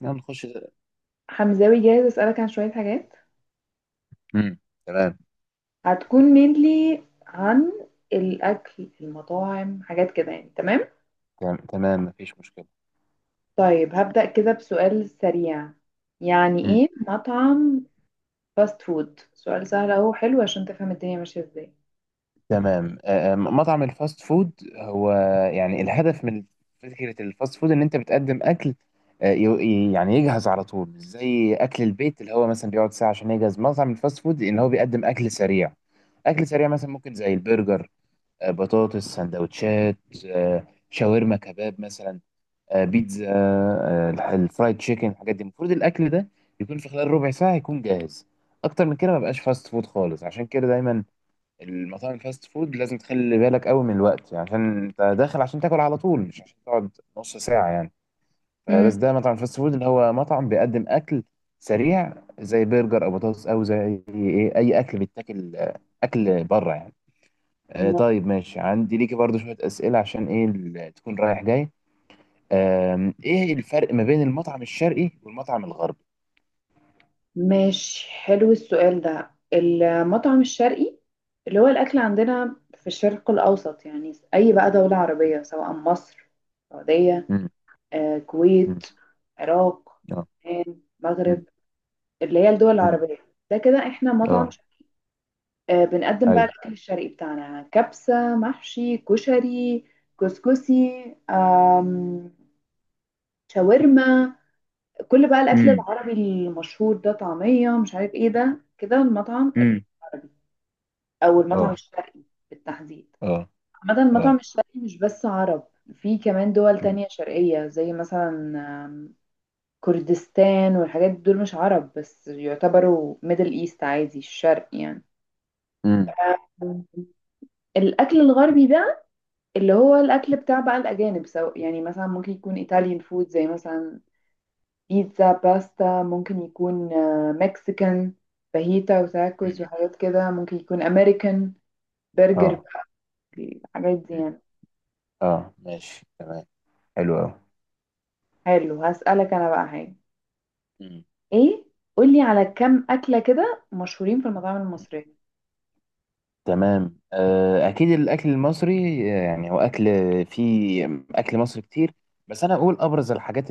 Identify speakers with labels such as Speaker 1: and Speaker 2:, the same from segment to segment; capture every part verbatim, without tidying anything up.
Speaker 1: نعم نخش ده.
Speaker 2: حمزاوي، جاهز اسألك عن شوية حاجات.
Speaker 1: امم تمام.
Speaker 2: هتكون mainly عن الأكل، المطاعم، حاجات كده يعني. تمام،
Speaker 1: تمام تمام، مفيش مشكلة.
Speaker 2: طيب هبدأ كده بسؤال سريع: يعني
Speaker 1: امم
Speaker 2: ايه مطعم فاست فود؟ سؤال سهل اهو، حلو عشان تفهم الدنيا ماشية ازاي.
Speaker 1: تمام. آه، مطعم الفاست فود هو يعني الهدف من فكرة الفاست فود ان انت بتقدم اكل. آه، ي- ي- يعني يجهز على طول، مش زي اكل البيت اللي هو مثلا بيقعد ساعة عشان يجهز. مطعم الفاست فود ان هو بيقدم اكل سريع، اكل سريع مثلا ممكن زي البرجر، آه، بطاطس، سندوتشات، آه، شاورما، كباب مثلا، آه، بيتزا، آه، الح- الفرايد تشيكن. الحاجات دي المفروض الاكل ده يكون في خلال ربع ساعه يكون جاهز. اكتر من كده ما بقاش فاست فود خالص. عشان كده دايما المطاعم الفاست فود لازم تخلي بالك قوي من الوقت، يعني عشان انت داخل عشان تاكل على طول مش عشان تقعد نص ساعه يعني. فبس
Speaker 2: امم
Speaker 1: ده مطعم فاست فود، اللي هو مطعم بيقدم اكل سريع زي برجر او بطاطس او زي ايه، اي اكل بيتاكل، آه، اكل بره يعني. آه،
Speaker 2: م-
Speaker 1: طيب ماشي، عندي ليكي برضو شويه اسئله عشان ايه ال- تكون رايح جاي. آم، ايه الفرق ما بين المطعم الشرقي والمطعم الغربي؟
Speaker 2: ماشي، حلو السؤال ده. المطعم الشرقي اللي هو الأكل عندنا في الشرق الأوسط، يعني أي بقى دولة عربية سواء مصر، السعودية،
Speaker 1: مم.
Speaker 2: آه،
Speaker 1: مم.
Speaker 2: كويت، عراق،
Speaker 1: اه.
Speaker 2: لبنان، مغرب،
Speaker 1: مم.
Speaker 2: اللي هي الدول
Speaker 1: مم.
Speaker 2: العربية. ده كده احنا مطعم
Speaker 1: اه.
Speaker 2: شرقي. آه، بنقدم بقى
Speaker 1: ايوه.
Speaker 2: الأكل الشرقي بتاعنا: كبسة، محشي، كشري، كسكسي، آم، شاورما، كل بقى الأكل
Speaker 1: امم
Speaker 2: العربي المشهور ده، طعمية، مش عارف ايه. ده كده المطعم
Speaker 1: امم
Speaker 2: العربي أو المطعم
Speaker 1: اه.
Speaker 2: الشرقي بالتحديد.
Speaker 1: اه.
Speaker 2: عامة المطعم
Speaker 1: اه.
Speaker 2: الشرقي مش بس عرب، في كمان دول
Speaker 1: مم.
Speaker 2: تانية شرقية زي مثلا كردستان والحاجات دول، مش عرب بس يعتبروا ميدل ايست عادي، الشرق يعني.
Speaker 1: مم.
Speaker 2: آه، الاكل الغربي ده اللي هو الاكل بتاع بقى الاجانب، سواء يعني مثلا ممكن يكون ايطاليان فود زي مثلا بيتزا، باستا، ممكن يكون مكسيكان: فاهيتا وتاكوز
Speaker 1: امم.
Speaker 2: وحاجات كده، ممكن يكون امريكان: برجر،
Speaker 1: اه.
Speaker 2: الحاجات دي
Speaker 1: مم.
Speaker 2: يعني.
Speaker 1: اه ماشي، تمام. حلو قوي.
Speaker 2: حلو، هسألك انا بقى حاجة:
Speaker 1: مم.
Speaker 2: ايه، قولي على كم اكلة كده مشهورين في المطاعم
Speaker 1: مم.
Speaker 2: المصرية.
Speaker 1: تمام. آه، اكيد الاكل المصري، آه، يعني هو اكل فيه اكل مصري كتير. بس انا اقول ابرز الحاجات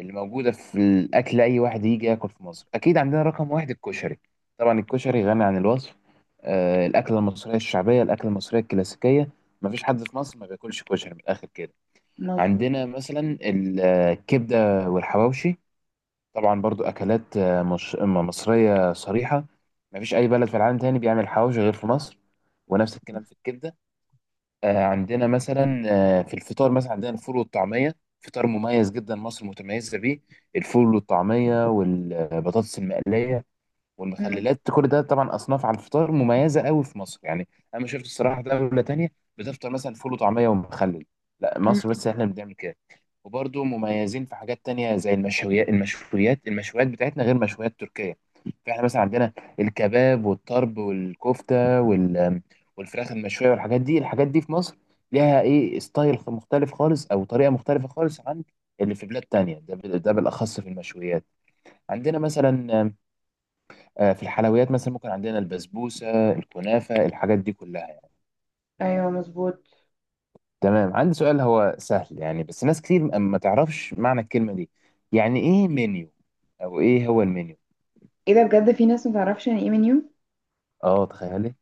Speaker 1: اللي موجودة في الأكل. أي واحد يجي ياكل في مصر أكيد عندنا رقم واحد الكشري. طبعا الكشري غني عن الوصف، آه الأكلة المصرية الشعبية، الأكلة المصرية الكلاسيكية. مفيش حد في مصر ما بياكلش كشري، من الآخر كده.
Speaker 2: مظبوط.
Speaker 1: عندنا مثلا ال- آه، الكبدة والحواوشي، طبعا برضو أكلات آه، مش م- مصرية صريحة. مفيش أي بلد في العالم تاني بيعمل حواوشي غير في مصر، ونفس الكلام في الكبدة. آه، عندنا مثلا آه، في الفطار مثلا عندنا الفول والطعمية. فطار مميز جدا مصر متميزة بيه، الفول والطعمية والبطاطس المقلية والمخللات. كل ده طبعا اصناف على الفطار مميزه قوي في مصر يعني. انا ما شفت الصراحه دوله تانية بتفطر مثلا فول وطعميه ومخلل، لا
Speaker 2: مم.
Speaker 1: مصر بس احنا اللي بنعمل كده. وبرضه مميزين في حاجات تانية زي المشويات. المشويات المشويات بتاعتنا غير مشويات تركيا. فاحنا مثلا عندنا الكباب والطرب والكفته وال والفراخ المشويه والحاجات دي. الحاجات دي في مصر ليها ايه، ستايل مختلف خالص او طريقه مختلفه خالص عن اللي في بلاد تانية، ده بال- ده بالاخص في المشويات. عندنا مثلا آه، في الحلويات مثلا ممكن عندنا البسبوسة، الكنافة، الحاجات دي كلها يعني.
Speaker 2: ايوه مظبوط.
Speaker 1: تمام، عندي سؤال هو سهل يعني، بس ناس كتير ما ما تعرفش معنى الكلمة دي. يعني ايه منيو، او ايه هو المنيو؟
Speaker 2: ايه ده؟ بجد في ناس متعرفش يعني ايه منيو؟
Speaker 1: اه تخيلي.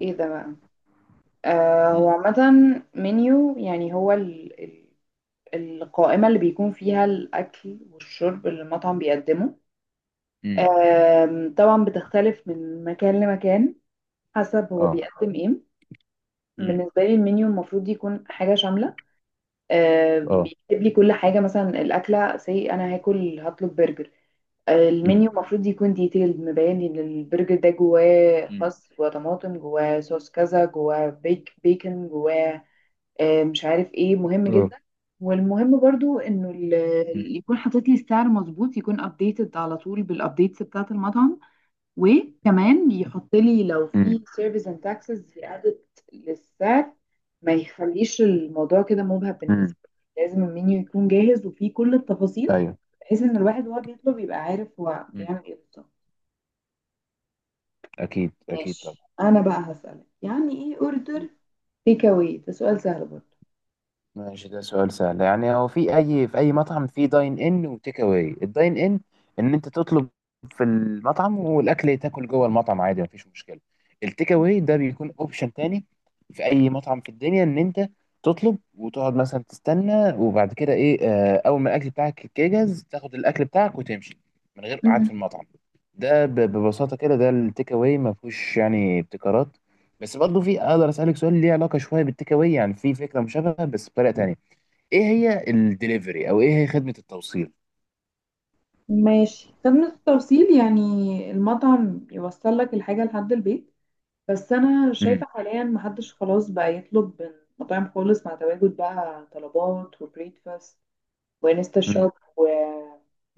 Speaker 2: ايه ده بقى؟ آه هو
Speaker 1: مم.
Speaker 2: عامة منيو يعني هو ال ال القائمة اللي بيكون فيها الأكل والشرب اللي المطعم بيقدمه.
Speaker 1: مم.
Speaker 2: آم، طبعا بتختلف من مكان لمكان حسب هو
Speaker 1: اه.
Speaker 2: بيقدم ايه.
Speaker 1: مم.
Speaker 2: بالنسبة لي المنيو المفروض يكون حاجة شاملة، آه
Speaker 1: اه.
Speaker 2: بيكتب لي كل حاجة. مثلا الأكلة سي، أنا هاكل، هطلب برجر.
Speaker 1: مم.
Speaker 2: المنيو المفروض يكون ديتيلد، مبين ان البرجر ده جواه
Speaker 1: مم.
Speaker 2: خس، جواه طماطم، جواه صوص كذا، جواه بيك بيكن، جواه آه، مش عارف ايه. مهم
Speaker 1: اه.
Speaker 2: جدا. والمهم برضو انه
Speaker 1: مم.
Speaker 2: ال- يكون حاطط لي السعر مظبوط، يكون ابديتد على طول بالابديتس بتاعه المطعم. وكمان يحط لي لو
Speaker 1: مم.
Speaker 2: في سيرفيس اند تاكسز زيادت للسعر، ما يخليش الموضوع كده مبهم
Speaker 1: مم.
Speaker 2: بالنسبه لي. لازم المنيو يكون جاهز وفيه كل التفاصيل،
Speaker 1: ايوه.
Speaker 2: بحيث ان الواحد وهو بيطلب يبقى عارف هو
Speaker 1: مم.
Speaker 2: بيعمل ايه بالظبط.
Speaker 1: اكيد اكيد
Speaker 2: ماشي،
Speaker 1: طبعا.
Speaker 2: انا بقى هسألك يعني ايه اوردر تيك اواي؟ ده سؤال سهل برضه.
Speaker 1: ماشي، ده سؤال سهل. يعني هو في اي، في اي مطعم في داين ان وتيك اواي. الداين ان ان انت تطلب في المطعم والاكل تاكل جوه المطعم عادي مفيش مشكله. التيك اواي ده بيكون اوبشن تاني في اي مطعم في الدنيا، ان انت تطلب وتقعد مثلا تستنى، وبعد كده ايه، آه، اول ما الاكل بتاعك يجهز تاخد الاكل بتاعك وتمشي من غير قعد في
Speaker 2: مم.
Speaker 1: المطعم. ده ب- ببساطه كده ده التيك اواي، ما فيهوش يعني ابتكارات. بس برضه في، اقدر اسالك سؤال ليه علاقه شويه بالتيك اواي، يعني في فكره مشابهه بس بطريقه تانيه، ايه هي الدليفري او ايه هي خدمه التوصيل؟
Speaker 2: ماشي، خدمة التوصيل يعني المطعم يوصل لك الحاجة لحد البيت. بس انا
Speaker 1: امم
Speaker 2: شايفة حاليا محدش خلاص بقى يطلب من مطاعم خالص مع تواجد بقى طلبات وبريكفاست وانستا
Speaker 1: امم
Speaker 2: شوب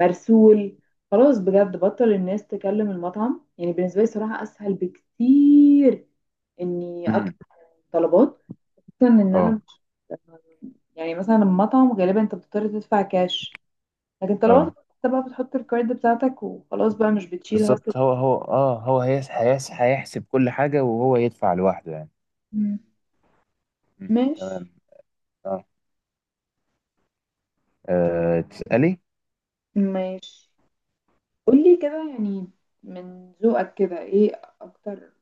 Speaker 2: ومرسول. خلاص بجد بطل الناس تكلم المطعم. يعني بالنسبة لي صراحة اسهل بكتير اني
Speaker 1: امم
Speaker 2: طلبات، خصوصا ان انا
Speaker 1: اه.
Speaker 2: مش، يعني مثلا المطعم غالبا انت بتضطر تدفع كاش، لكن طلبات
Speaker 1: اه
Speaker 2: انت بقى بتحط الكارد بتاعتك وخلاص بقى، مش بتشيل هاسل.
Speaker 1: بالظبط. هو هو اه، هو هيس هيس هيحسب كل حاجه وهو يدفع لوحده يعني.
Speaker 2: مم.
Speaker 1: مم. تمام.
Speaker 2: ماشي.
Speaker 1: اه. آه، تسالي.
Speaker 2: ماشي، قولي كده يعني من ذوقك كده ايه اكتر،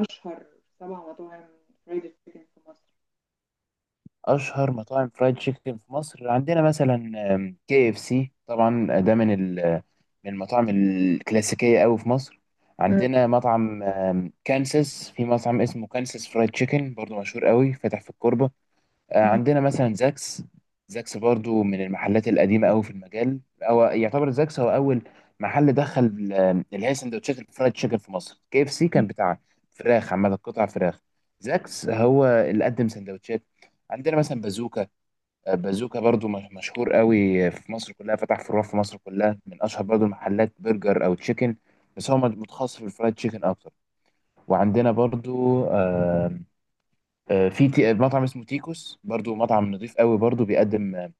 Speaker 2: اشهر سبع مطاعم فرايد تشيكن في مصر؟
Speaker 1: اشهر مطاعم فرايد تشيكن في مصر عندنا مثلا كي اف سي، طبعا ده من ال- من المطاعم الكلاسيكيه قوي في مصر.
Speaker 2: مم.
Speaker 1: عندنا مطعم آم، كانساس، في مطعم اسمه كانساس فرايد تشيكن، برضو مشهور قوي، فاتح في الكوربه. آه،
Speaker 2: مم.
Speaker 1: عندنا مثلا زاكس، زاكس برضو من المحلات القديمة قوي في المجال. هو يعتبر زاكس هو أول محل دخل ال- اللي هي سندوتشات الفرايد تشيكن في مصر. كي اف سي كان بتاع فراخ عامة، قطع فراخ. زاكس هو اللي قدم سندوتشات. عندنا مثلا بازوكا، آه، بازوكا برضو مش- مشهور قوي في مصر كلها، فتح فروع في مصر كلها، من أشهر برضو المحلات برجر أو تشيكن، بس هو متخصص في الفرايد تشيكن أكتر. وعندنا برضو آه، في تي- مطعم اسمه تيكوس، برضو مطعم نظيف قوي، برضو بيقدم آه،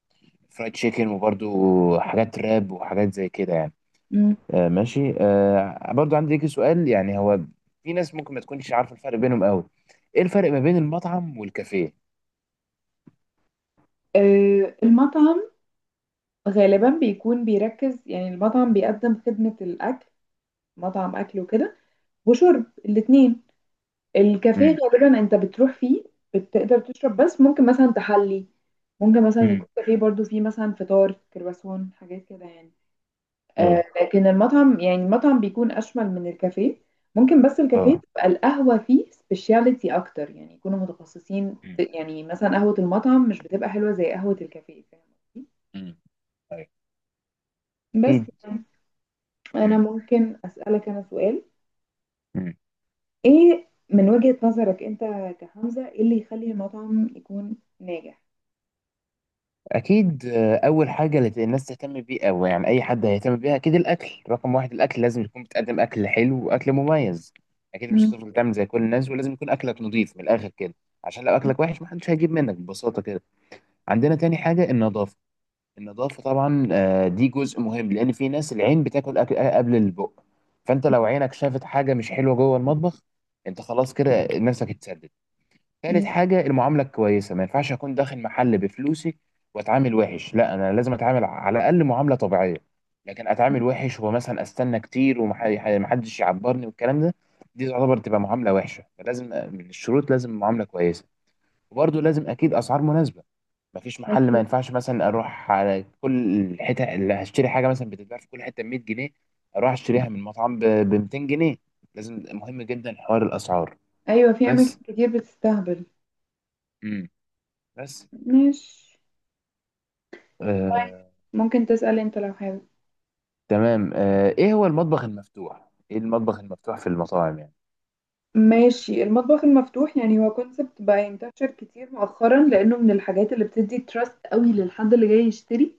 Speaker 1: فرايد تشيكن، وبرضو حاجات راب وحاجات زي كده يعني.
Speaker 2: مم.
Speaker 1: آه، ماشي. آه، برضو عندي ليك سؤال، يعني هو في ناس ممكن ما تكونش عارفة الفرق بينهم قوي، ايه الفرق ما بين المطعم والكافيه؟
Speaker 2: آه، المطعم غالبا بيكون بيركز، يعني المطعم بيقدم خدمة الأكل، مطعم أكل وكده وشرب، الاتنين. الكافيه
Speaker 1: امم
Speaker 2: غالبا انت بتروح فيه بتقدر تشرب بس، ممكن مثلا تحلي، ممكن مثلا
Speaker 1: امم
Speaker 2: يكون كافيه برضو فيه مثلا فطار، كرواسون، حاجات كده يعني.
Speaker 1: اه.
Speaker 2: آه لكن المطعم يعني المطعم بيكون اشمل من الكافيه. ممكن بس الكافيه
Speaker 1: اه.
Speaker 2: تبقى القهوة فيه سبيشاليتي اكتر، يعني يكونوا متخصصين.
Speaker 1: امم
Speaker 2: يعني مثلا قهوة المطعم مش بتبقى حلوة زي قهوة الكافيه، فاهم قصدي؟
Speaker 1: امم ايوه. اكيد.
Speaker 2: بس يعني انا ممكن اسألك انا سؤال:
Speaker 1: امم
Speaker 2: ايه من وجهة نظرك انت كحمزة ايه اللي يخلي المطعم يكون ناجح؟
Speaker 1: اكيد. آه، اول حاجه اللي الناس تهتم بيه، او يعني اي حد هيهتم بيها، اكيد الاكل رقم واحد. الاكل لازم يكون، بتقدم اكل حلو واكل مميز اكيد، مش
Speaker 2: مم.
Speaker 1: هتفضل تعمل زي كل الناس. ولازم يكون اكلك نظيف من الاخر كده، عشان لو اكلك وحش محدش هيجيب منك ببساطه كده. عندنا تاني حاجه النظافه، النظافه طبعا آه، دي جزء مهم، لان في ناس العين بتاكل اكل آه، قبل البق. فانت لو عينك شافت حاجه مش حلوه جوه المطبخ انت خلاص كده نفسك اتسد. ثالث
Speaker 2: مم.
Speaker 1: حاجة المعاملة الكويسة. ما ينفعش أكون داخل محل بفلوسي وأتعامل وحش، لا أنا لازم أتعامل على الأقل معاملة طبيعية. لكن أتعامل وحش ومثلا أستنى كتير ومحدش يعبرني والكلام ده، دي تعتبر تبقى معاملة وحشة. فلازم من الشروط لازم معاملة كويسة. وبرضه لازم أكيد أسعار مناسبة، مفيش محل ما
Speaker 2: في،
Speaker 1: ينفعش مثلا، أروح على كل حتة اللي هشتري حاجة مثلا بتتباع في كل حتة ب مية جنيه أروح أشتريها من مطعم ب ميتين جنيه. لازم مهم جدا حوار الأسعار
Speaker 2: ايوه في اماكن
Speaker 1: بس.
Speaker 2: كتير بتستهبل.
Speaker 1: مم. بس
Speaker 2: مش، طيب
Speaker 1: آه،
Speaker 2: ممكن تسأل انت لو حابب.
Speaker 1: تمام. آه، ايه هو المطبخ المفتوح، ايه المطبخ المفتوح في المطاعم يعني؟
Speaker 2: ماشي، المطبخ المفتوح يعني هو كونسبت بقى ينتشر كتير مؤخرا، لانه من الحاجات اللي بتدي تراست قوي للحد اللي جاي يشتري.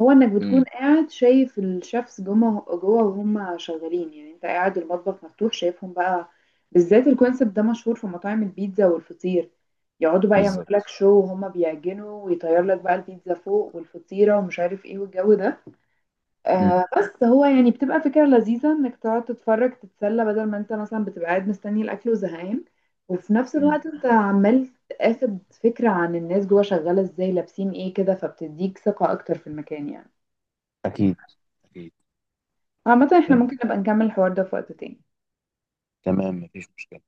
Speaker 2: هو انك بتكون
Speaker 1: امم
Speaker 2: قاعد شايف الشيفs جوه جوه وهم شغالين، يعني انت قاعد المطبخ مفتوح شايفهم بقى. بالذات الكونسبت ده مشهور في مطاعم البيتزا والفطير، يقعدوا بقى يعملوا لك
Speaker 1: بالظبط.
Speaker 2: شو وهم بيعجنوا ويطير لك بقى البيتزا فوق والفطيرة ومش عارف ايه والجو ده.
Speaker 1: مم.
Speaker 2: آه بس هو يعني بتبقى فكرة لذيذة انك تقعد تتفرج، تتسلى، بدل ما انت مثلا بتبقى قاعد مستني الاكل وزهقان. وفي نفس
Speaker 1: مم.
Speaker 2: الوقت انت عمال تاخد فكرة عن الناس جوه شغالة ازاي، لابسين ايه كده، فبتديك ثقة اكتر في المكان يعني.
Speaker 1: اكيد اكيد.
Speaker 2: عامة احنا
Speaker 1: آه،
Speaker 2: ممكن نبقى نكمل الحوار ده في وقت تاني.
Speaker 1: تمام مفيش مشكلة.